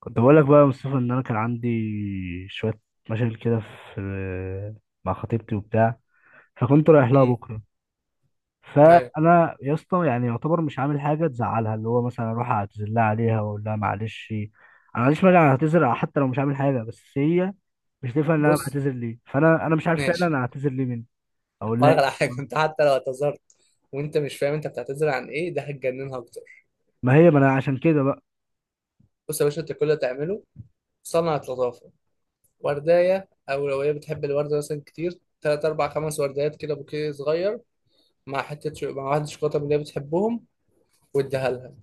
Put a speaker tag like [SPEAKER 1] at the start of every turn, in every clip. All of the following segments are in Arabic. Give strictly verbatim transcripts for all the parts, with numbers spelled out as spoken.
[SPEAKER 1] كنت بقول لك بقى يا مصطفى ان انا كان عندي شويه مشاكل كده في مع خطيبتي وبتاع، فكنت رايح لها
[SPEAKER 2] امم
[SPEAKER 1] بكره.
[SPEAKER 2] ايوه.
[SPEAKER 1] فانا يا اسطى يعني يعتبر مش عامل حاجه تزعلها، اللي هو مثلا اروح اعتذر لها عليها واقول لها معلش انا، معلش مانع اعتذر حتى لو مش عامل حاجه، بس هي مش تفهم ان انا
[SPEAKER 2] بص،
[SPEAKER 1] بعتذر ليه. فانا انا مش عارف فعلا
[SPEAKER 2] ماشي.
[SPEAKER 1] انا اعتذر ليه مني. اقول لها
[SPEAKER 2] هقولك
[SPEAKER 1] إيه؟
[SPEAKER 2] على حاجه. انت حتى لو اعتذرت وانت مش فاهم انت بتعتذر عن ايه، ده هتجننها اكتر.
[SPEAKER 1] ما هي ما انا عشان كده بقى.
[SPEAKER 2] بص يا باشا، انت كل اللي تعمله صنعة لطافه وردايه، او لو هي بتحب الورده مثلا كتير، تلات اربع خمس وردات كده، بوكيه صغير، مع حته شو... مع واحده شوكولاته من اللي هي بتحبهم، واديها لها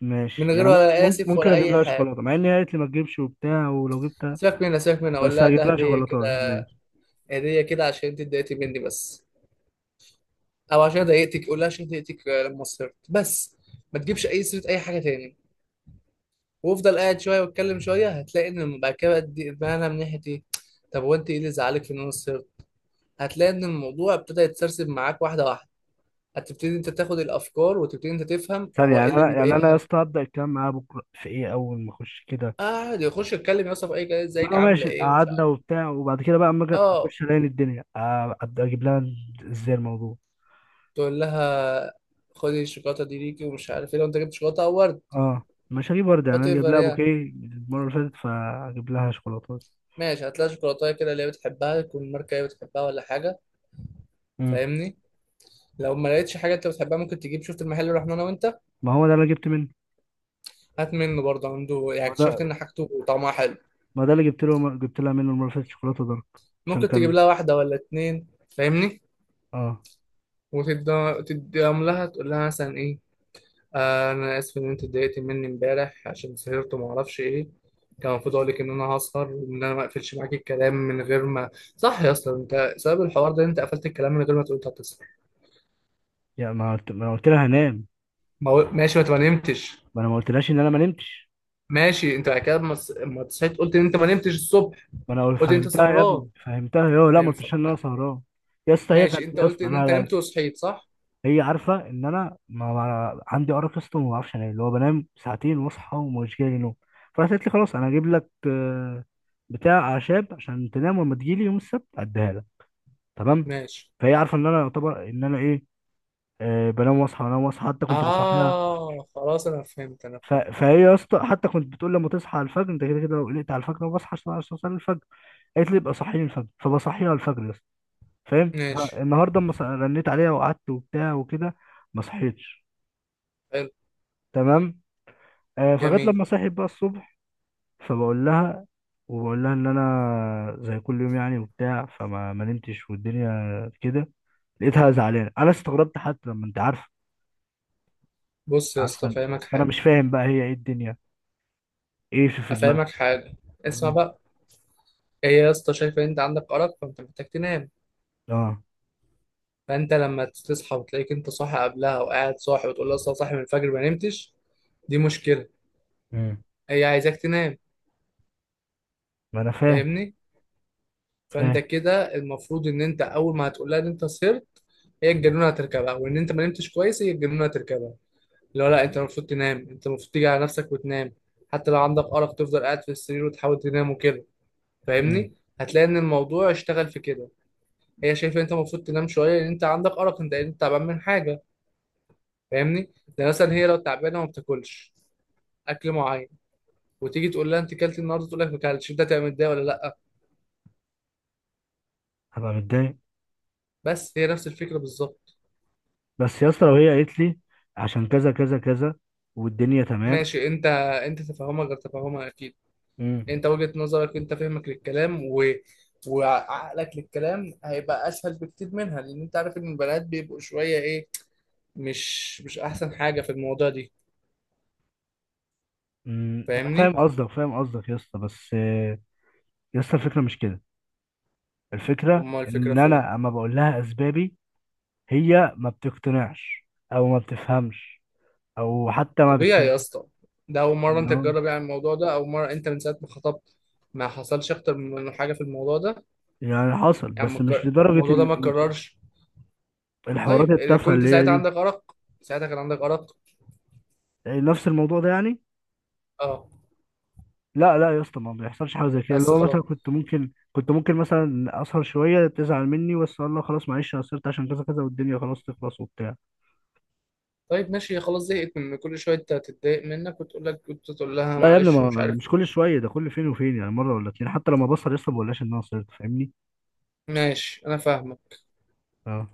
[SPEAKER 1] ماشي
[SPEAKER 2] من غير
[SPEAKER 1] يعني
[SPEAKER 2] ولا
[SPEAKER 1] ممكن
[SPEAKER 2] اسف
[SPEAKER 1] ممكن
[SPEAKER 2] ولا
[SPEAKER 1] اجيب
[SPEAKER 2] اي
[SPEAKER 1] لها
[SPEAKER 2] حاجه.
[SPEAKER 1] شوكولاته مع ان هي قالت لي ما تجيبش وبتاع، ولو جبتها
[SPEAKER 2] سيبك منها، سيبك منها، اقول
[SPEAKER 1] بس
[SPEAKER 2] لها ده
[SPEAKER 1] هجيب لها
[SPEAKER 2] هديه
[SPEAKER 1] شوكولاته
[SPEAKER 2] كده.
[SPEAKER 1] يعني.
[SPEAKER 2] هديه كده عشان انت اتضايقتي مني بس، او عشان ضايقتك. قول لها عشان ضايقتك لما صرت بس. ما تجيبش اي سيره اي حاجه تاني، وافضل قاعد شويه واتكلم شويه. هتلاقي ان بعد كده بقى دي- بقى انا من ناحيه ايه. طب هو انت ايه اللي زعلك في ان انا قصرت. هتلاقي ان الموضوع ابتدى يتسرسب معاك واحده واحده. هتبتدي انت تاخد الافكار وتبتدي انت تفهم
[SPEAKER 1] ثانية،
[SPEAKER 2] هو ايه
[SPEAKER 1] يعني
[SPEAKER 2] اللي
[SPEAKER 1] أنا، يعني أنا يا
[SPEAKER 2] بيضايقها.
[SPEAKER 1] اسطى هبدأ الكلام معاه بكرة في إيه أول ما أخش كده؟
[SPEAKER 2] قاعد يخش يتكلم يوصف اي كلام، ازيك
[SPEAKER 1] لا
[SPEAKER 2] عامله
[SPEAKER 1] ماشي،
[SPEAKER 2] ايه ومش
[SPEAKER 1] قعدنا
[SPEAKER 2] عارف
[SPEAKER 1] وبتاع وبعد كده بقى أما أجي
[SPEAKER 2] اه
[SPEAKER 1] أخش ألاقي الدنيا آه، أبدأ أجيب لها إزاي الموضوع.
[SPEAKER 2] تقول لها خدي الشوكولاته دي ليكي ومش عارف ايه. لو انت جبت شوكولاته او ورد،
[SPEAKER 1] أه مش هجيب ورد، يعني
[SPEAKER 2] وات
[SPEAKER 1] أنا جايب
[SPEAKER 2] ايفر
[SPEAKER 1] لها
[SPEAKER 2] يعني،
[SPEAKER 1] بوكيه المرة اللي فاتت فأجيب لها شوكولاتة بس.
[SPEAKER 2] ماشي. هتلاقي شوكولاته كده اللي هي بتحبها، تكون ماركه هي بتحبها ولا حاجه،
[SPEAKER 1] مم.
[SPEAKER 2] فاهمني. لو ما لقيتش حاجه انت بتحبها، ممكن تجيب، شفت المحل اللي رحنا انا وانت،
[SPEAKER 1] ما هو ده اللي أنا جبت منه.
[SPEAKER 2] هات منه برضه، عنده يعني
[SPEAKER 1] ما هو
[SPEAKER 2] اكتشفت
[SPEAKER 1] ده،
[SPEAKER 2] ان حاجته طعمها حلو.
[SPEAKER 1] ما هو ده اللي جبت له، جبت لها منه المرة اللي فاتت شوكولاتة دارك عشان
[SPEAKER 2] ممكن تجيب
[SPEAKER 1] كان.
[SPEAKER 2] لها واحده ولا اتنين فاهمني.
[SPEAKER 1] أه.
[SPEAKER 2] وتديهم لها، تقول لها مثلا ايه، آه انا اسف ان انت اتضايقت مني امبارح عشان سهرت وما اعرفش ايه. كان المفروض اقول لك ان انا هسهر وان انا ما اقفلش معاك الكلام من غير ما، صح يا اسطى، انت سبب الحوار ده إن انت قفلت الكلام من غير ما تقول انت هتسهر.
[SPEAKER 1] يعني ما قلت، ما أنا قلت لها هنام.
[SPEAKER 2] ما هو- ماشي، ما انت ما نمتش.
[SPEAKER 1] ما أنا ما قلتلهاش إن أنا ما نمتش.
[SPEAKER 2] ماشي، انت بعد كده ما تص- ما صحيت قلت ان انت ما نمتش الصبح.
[SPEAKER 1] ما أنا قلت-
[SPEAKER 2] قلت انت
[SPEAKER 1] فهمتها يا
[SPEAKER 2] سهران.
[SPEAKER 1] ابني، فهمتها يا لا،
[SPEAKER 2] ما
[SPEAKER 1] ما
[SPEAKER 2] ينفع-
[SPEAKER 1] قلتلهاش إن أنا
[SPEAKER 2] ما-
[SPEAKER 1] سهران. يا اسطى هي
[SPEAKER 2] ماشي،
[SPEAKER 1] كانت
[SPEAKER 2] انت
[SPEAKER 1] يا
[SPEAKER 2] قلت
[SPEAKER 1] اسطى،
[SPEAKER 2] ان
[SPEAKER 1] لا
[SPEAKER 2] انت
[SPEAKER 1] لا،
[SPEAKER 2] نمت وصحيت صح.
[SPEAKER 1] هي عارفه ان انا ما ما- عندي ارق اصلا وما بعرفش انام، اللي هو بنام ساعتين واصحى ومش جاي لي نوم. فراحت قالت لي خلاص انا هجيب لك آه، بتاع اعشاب عشان تنام، ولما تجيلي يوم السبت اديها لك. تمام.
[SPEAKER 2] ماشي.
[SPEAKER 1] فهي عارفه ان انا يعتبر ان انا ايه، آه، بنام واصحى بنام واصحى، حتى كنت بصحيها.
[SPEAKER 2] آه خلاص، أنا فهمت أنا
[SPEAKER 1] ف...
[SPEAKER 2] فهمت.
[SPEAKER 1] فهي يا اسطى حتى كنت بتقول لما تصحى على الفجر انت كده كده لو قلقت على الفجر انا بصحى عشان اوصل الفجر. قالت لي ابقى صحيني الفجر، فبصحيها على الفجر يا اسطى، فاهم؟
[SPEAKER 2] ماشي،
[SPEAKER 1] فالنهارده اما ص- رنيت عليها وقعدت وبتاع وكده. ما صحيتش.
[SPEAKER 2] حلو،
[SPEAKER 1] تمام. آه، فجت
[SPEAKER 2] جميل.
[SPEAKER 1] لما صحيت بقى الصبح. فبقول لها، وبقول لها ان انا زي كل يوم يعني وبتاع، فما ما نمتش والدنيا كده. لقيتها زعلانه، انا استغربت حتى لما انت عارفه.
[SPEAKER 2] بص يا اسطى،
[SPEAKER 1] عارفه.
[SPEAKER 2] أفهمك
[SPEAKER 1] فانا
[SPEAKER 2] حاجة.
[SPEAKER 1] مش فاهم بقى هي ايه الدنيا، ايه في في دماغها.
[SPEAKER 2] أفهمك حاجة، اسمع
[SPEAKER 1] مم.
[SPEAKER 2] بقى. هي يا اسطى شايفة إن أنت عندك أرق، فأنت محتاج تنام.
[SPEAKER 1] اه.
[SPEAKER 2] فأنت لما تصحى وتلاقيك أنت صاحي قبلها وقاعد صاحي، وتقول لها أصل أنا صاحي من الفجر ما نمتش، دي مشكلة.
[SPEAKER 1] مم.
[SPEAKER 2] هي عايزاك تنام،
[SPEAKER 1] ما انا فاهم.
[SPEAKER 2] فاهمني. فأنت
[SPEAKER 1] فاهم.
[SPEAKER 2] كده المفروض إن أنت أول ما هتقول لها إن أنت سهرت، هي الجنونة هتركبها. وإن أنت ما نمتش كويس، هي الجنونة هتركبها. اللي هو لا، انت المفروض تنام، انت المفروض تيجي على نفسك وتنام. حتى لو عندك ارق، تفضل قاعد في السرير وتحاول تنام وكده،
[SPEAKER 1] مم.
[SPEAKER 2] فاهمني. هتلاقي ان الموضوع اشتغل في كده. هي شايفه انت المفروض تنام شويه لان انت عندك ارق، انت انت تعبان من حاجه. فاهمني. ده مثلا هي لو تعبانه ما بتاكلش اكل معين، وتيجي تقول لها انت كلت النهارده، تقول لك ما كلتش، انت تعمل ده ولا لا؟
[SPEAKER 1] هبقى متضايق.
[SPEAKER 2] بس هي نفس الفكره بالظبط.
[SPEAKER 1] بس يا اسطى لو هي قالت لي عشان كذا كذا كذا والدنيا تمام.
[SPEAKER 2] ماشي انت انت تفهمها غير تفهمها اكيد.
[SPEAKER 1] مم.
[SPEAKER 2] انت وجهة نظرك، انت فهمك للكلام و... وعقلك للكلام هيبقى اسهل بكتير منها، لان انت عارف ان البنات بيبقوا شوية ايه، مش مش احسن حاجة في الموضوع دي.
[SPEAKER 1] مم، انا فاهم
[SPEAKER 2] فاهمني.
[SPEAKER 1] قصدك، فاهم قصدك يا اسطى، بس آه، يا اسطى الفكره مش كده. الفكرة
[SPEAKER 2] امال الفكرة
[SPEAKER 1] إن
[SPEAKER 2] فين؟
[SPEAKER 1] أنا أما بقول لها أسبابي، هي ما بتقتنعش، أو ما بتفهمش، أو حتى ما
[SPEAKER 2] طبيعي
[SPEAKER 1] بتصدق.
[SPEAKER 2] يا اسطى، ده اول مرة
[SPEAKER 1] اللي
[SPEAKER 2] انت
[SPEAKER 1] هو
[SPEAKER 2] تجرب يعني الموضوع ده، او مرة انت من ساعة ما خطبت ما حصلش اكتر من حاجة في الموضوع ده.
[SPEAKER 1] يعني حصل
[SPEAKER 2] يعني
[SPEAKER 1] بس
[SPEAKER 2] ما
[SPEAKER 1] مش
[SPEAKER 2] اتكر-
[SPEAKER 1] لدرجة
[SPEAKER 2] الموضوع ده ما
[SPEAKER 1] ال- ال-
[SPEAKER 2] اتكررش.
[SPEAKER 1] الحوارات
[SPEAKER 2] طيب،
[SPEAKER 1] التافهة
[SPEAKER 2] كنت
[SPEAKER 1] اللي هي
[SPEAKER 2] ساعتها
[SPEAKER 1] دي.
[SPEAKER 2] عندك ارق؟ ساعتها كان عندك ارق؟
[SPEAKER 1] يعني نفس الموضوع ده يعني.
[SPEAKER 2] اه.
[SPEAKER 1] لا لا يا اسطى، ما بيحصلش حاجة زي كده، اللي
[SPEAKER 2] بس
[SPEAKER 1] هو مثلا
[SPEAKER 2] خلاص.
[SPEAKER 1] كنت ممكن، كنت ممكن مثلا أسهر شوية تزعل مني، بس أقول لها خلاص معلش أنا قصرت عشان كذا كذا والدنيا خلاص تخلص وبتاع.
[SPEAKER 2] طيب ماشي، خلاص زهقت من كل شويه تتضايق منك وتقول لك كنت تقول لها
[SPEAKER 1] لا يا ابني،
[SPEAKER 2] معلش
[SPEAKER 1] ما
[SPEAKER 2] ومش عارف
[SPEAKER 1] مش
[SPEAKER 2] ايه.
[SPEAKER 1] كل شوية ده، كل فين وفين، يعني مرة ولا اتنين، حتى لما بسهر يا اسطى ما بقولهاش إن أنا قصرت، فاهمني؟
[SPEAKER 2] ماشي، انا فاهمك.
[SPEAKER 1] اه.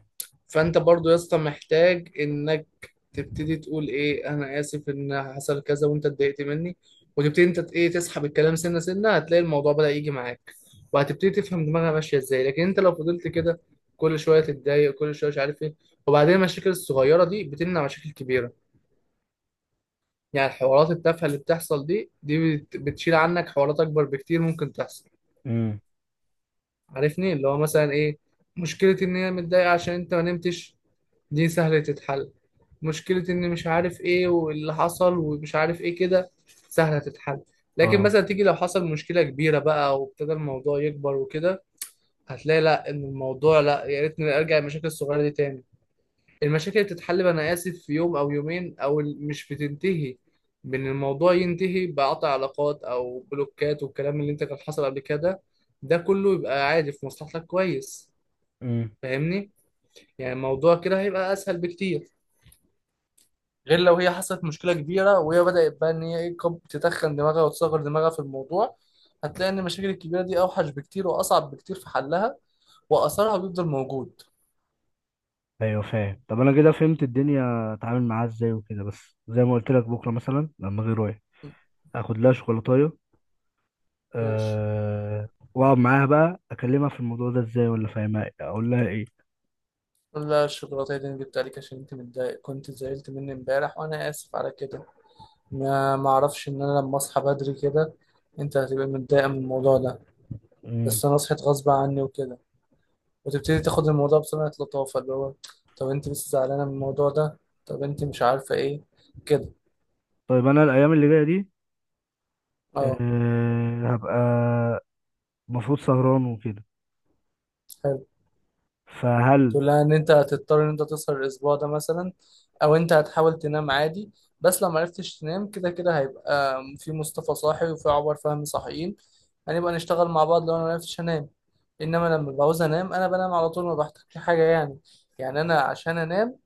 [SPEAKER 2] فانت برضو يا اسطى محتاج انك تبتدي تقول ايه، انا اسف ان حصل كذا وانت اتضايقت مني. وتبتدي انت ت- ايه، تسحب الكلام سنه سنه. هتلاقي الموضوع بدأ يجي معاك، وهتبتدي تفهم دماغها ماشيه ازاي. لكن انت لو فضلت كده، كل شويه تتضايق، كل شويه مش عارف ايه. وبعدين المشاكل الصغيره دي بتمنع مشاكل كبيره. يعني الحوارات التافهه اللي بتحصل دي، دي بت- بتشيل عنك حوارات اكبر بكتير ممكن تحصل.
[SPEAKER 1] امم.
[SPEAKER 2] عارفني، اللي هو مثلا ايه، مشكلة ان هي متضايقة عشان انت ما نمتش، دي سهلة تتحل. مشكلة ان مش عارف ايه واللي حصل ومش عارف ايه كده، سهلة تتحل. لكن
[SPEAKER 1] اه.
[SPEAKER 2] مثلا تيجي لو حصل مشكلة كبيرة بقى وابتدى الموضوع يكبر وكده، هتلاقي لا ان الموضوع، لا يا ريتني ارجع المشاكل الصغيرة دي تاني. المشاكل بتتحل انا اسف في يوم او يومين او ال- مش بتنتهي، بان الموضوع ينتهي بقطع علاقات او بلوكات، والكلام اللي انت كان حصل قبل كده ده كله يبقى عادي. في مصلحتك كويس،
[SPEAKER 1] امم.
[SPEAKER 2] فاهمني. يعني الموضوع كده هيبقى اسهل بكتير، غير لو هي حصلت مشكلة كبيرة وهي بدأت بقى ان هي إيه، كب- تتخن دماغها وتصغر دماغها في الموضوع. هتلاقي ان المشاكل الكبيرة دي اوحش بكتير واصعب بكتير في حلها، واثرها بيفضل موجود.
[SPEAKER 1] ايوه فاهم. طب انا كده فهمت الدنيا اتعامل معاها ازاي وكده، بس زي ما قلت لك بكره مثلا لما اجي رايح
[SPEAKER 2] م-
[SPEAKER 1] اخد لها شوكولاتايه،
[SPEAKER 2] ماشي.
[SPEAKER 1] أه... واقعد معاها بقى اكلمها في الموضوع ده ازاي، ولا فاهمها إيه؟ اقول لها ايه؟
[SPEAKER 2] لا، الشوكولاتة دي أنا جبتها لك عشان أنت متضايق، كنت زعلت مني امبارح وأنا آسف على كده. ما معرفش إن أنا لما أصحى بدري كده أنت هتبقى متضايقة من الموضوع ده،
[SPEAKER 1] مم.
[SPEAKER 2] بس أنا صحيت غصب عني وكده. وتبتدي تاخد الموضوع بصنعة لطافة اللي هو، طب أنت لسه زعلانة من الموضوع ده؟ طب أنت مش عارفة إيه كده.
[SPEAKER 1] طيب انا الايام اللي جايه دي
[SPEAKER 2] أه،
[SPEAKER 1] أه... هبقى المفروض سهران وكده،
[SPEAKER 2] حلو.
[SPEAKER 1] فهل؟
[SPEAKER 2] تقول لها ان انت هتضطر ان انت تسهر الاسبوع ده مثلا، او انت هتحاول تنام عادي. بس لو معرفتش تنام، كده كده هيبقى في مصطفى صاحي وفي عمر فهمي صاحيين. هنبقى نشتغل مع بعض لو انا معرفتش انام. انما لما بعوز انام، انا بنام على طول، ما بحتاجش حاجه يعني. يعني انا عشان انام،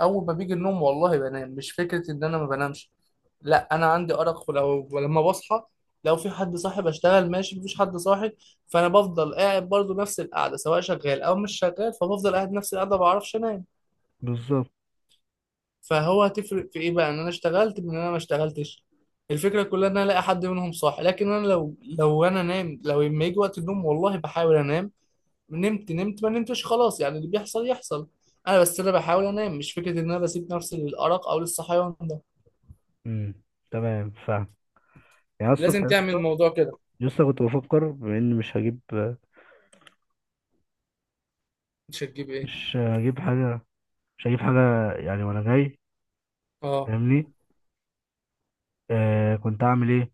[SPEAKER 2] اول ما بيجي النوم والله بنام، مش فكره ان انا ما بنامش. لا، انا عندي ارق، ولو ولما بصحى لو في حد صاحي بشتغل، ماشي. مفيش حد صاحي فانا بفضل قاعد، برضو نفس القعده سواء شغال او مش شغال. فبفضل قاعد نفس القعده، ما بعرفش انام.
[SPEAKER 1] بالظبط.
[SPEAKER 2] فهو هتفرق في ايه بقى ان انا اشتغلت من ان انا ما اشتغلتش؟ الفكره كلها ان انا الاقي حد منهم صاحي. لكن انا لو لو انا نام، لو لما يجي وقت النوم والله بحاول انام. نمت نمت، ما نمتش خلاص، يعني اللي بيحصل يحصل. انا بس انا بحاول انام، مش فكره ان انا بسيب نفسي للارق او للصحيان ده.
[SPEAKER 1] مم. تمام فاهم. يعني الصبح
[SPEAKER 2] لازم
[SPEAKER 1] يا
[SPEAKER 2] تعمل
[SPEAKER 1] اسطى
[SPEAKER 2] الموضوع كده.
[SPEAKER 1] لسه كنت بفكر بما اني مش هجيب.
[SPEAKER 2] مش هتجيب ايه؟
[SPEAKER 1] مش هجيب حاجه، مش هجيب حاجه يعني وانا جاي،
[SPEAKER 2] اه
[SPEAKER 1] فاهمني؟ آه كنت اعمل ايه،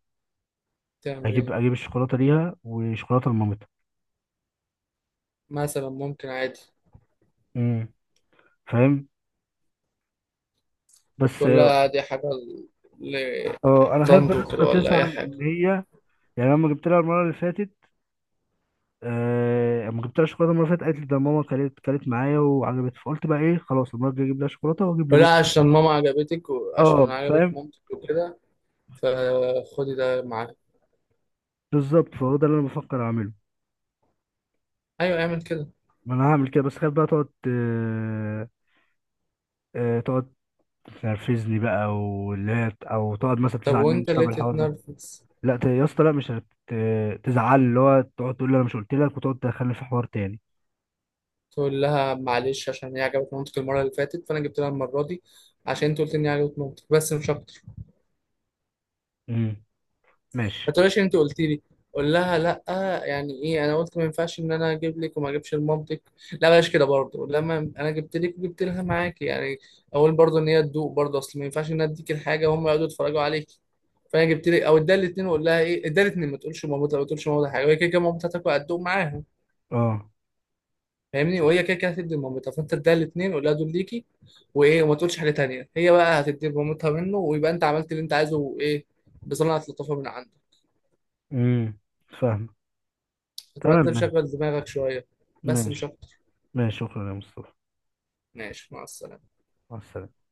[SPEAKER 2] تعمل
[SPEAKER 1] اجيب،
[SPEAKER 2] ايه؟
[SPEAKER 1] اجيب الشوكولاته ليها وشوكولاته لمامتها.
[SPEAKER 2] مثلا ممكن، عادي.
[SPEAKER 1] امم. فاهم. بس
[SPEAKER 2] تقول
[SPEAKER 1] اه،
[SPEAKER 2] لها دي حاجه
[SPEAKER 1] آه، انا خايف بقى
[SPEAKER 2] طنط
[SPEAKER 1] لسه
[SPEAKER 2] كده ولا اي
[SPEAKER 1] تزعل
[SPEAKER 2] حاجه،
[SPEAKER 1] ان هي، يعني لما جبت لها المره اللي فاتت، آه لما جبت لها شوكولاته المره اللي فاتت قالت لي ده ماما كلت كلت معايا وعجبت، فقلت بقى ايه خلاص المره الجايه اجيب لها شوكولاته واجيب
[SPEAKER 2] ولا
[SPEAKER 1] لمامتها.
[SPEAKER 2] عشان ماما عجبتك وعشان
[SPEAKER 1] اه
[SPEAKER 2] انا عجبت
[SPEAKER 1] فاهم.
[SPEAKER 2] مامتك وكده، فخدي ده معاك.
[SPEAKER 1] بالظبط، فهو ده اللي انا بفكر اعمله.
[SPEAKER 2] ايوه اعمل كده.
[SPEAKER 1] ما انا هعمل كده، بس خايف بقى تقعد آه، آه تقعد تنرفزني بقى واللي هي، او تقعد مثلا
[SPEAKER 2] طب
[SPEAKER 1] تزعل مني
[SPEAKER 2] وانت ليه
[SPEAKER 1] بسبب الحوار ده.
[SPEAKER 2] تتنرفز؟
[SPEAKER 1] لا ت- يا اسطى لا، مش هتزعل، اللي هو تقعد تقول لي انا مش قلت لك وتقعد تدخلني في حوار تاني.
[SPEAKER 2] تقول لها معلش عشان هي عجبت مامتك المره اللي فاتت، فانا جبت لها المره دي عشان انت قلت اني عجبت مامتك، بس مش اكتر.
[SPEAKER 1] امم.
[SPEAKER 2] ما
[SPEAKER 1] ماشي.
[SPEAKER 2] تقولش انت قلت لي. قول لها لا، يعني ايه انا قلت ما ينفعش ان انا اجيب لك وما اجيبش لمامتك. لا بلاش كده برضه، لما انا جبت لك وجبت لها معاكي يعني. اقول برضه ان هي تدوق برضه، اصل ما ينفعش ان انا اديك الحاجه وهم يقعدوا يتفرجوا عليك. فانا جبت لك، او اديها الاثنين وقول لها ايه، اديها الاثنين، ما تقولش مامتها، ما تقولش مامتها حاجه، وهي كده كده مامتها هتاكل هتدوق معاها،
[SPEAKER 1] اه.
[SPEAKER 2] فاهمني. وهي كده كده هتدي لمامتها، فانت اديها الاثنين قول لها دول ليكي وايه، وما تقولش حاجه تانيه. هي بقى هتدي لمامتها منه، ويبقى انت عملت اللي انت عايزه، وايه، بصنعة لطافه من عندك.
[SPEAKER 1] امم. فاهم.
[SPEAKER 2] تبقى
[SPEAKER 1] تمام.
[SPEAKER 2] انت مشغل دماغك شوية، بس مش
[SPEAKER 1] ماشي.
[SPEAKER 2] اكتر.
[SPEAKER 1] ماشي، شكرا يا مصطفى.
[SPEAKER 2] ماشي، مع السلامة.
[SPEAKER 1] مع السلامة.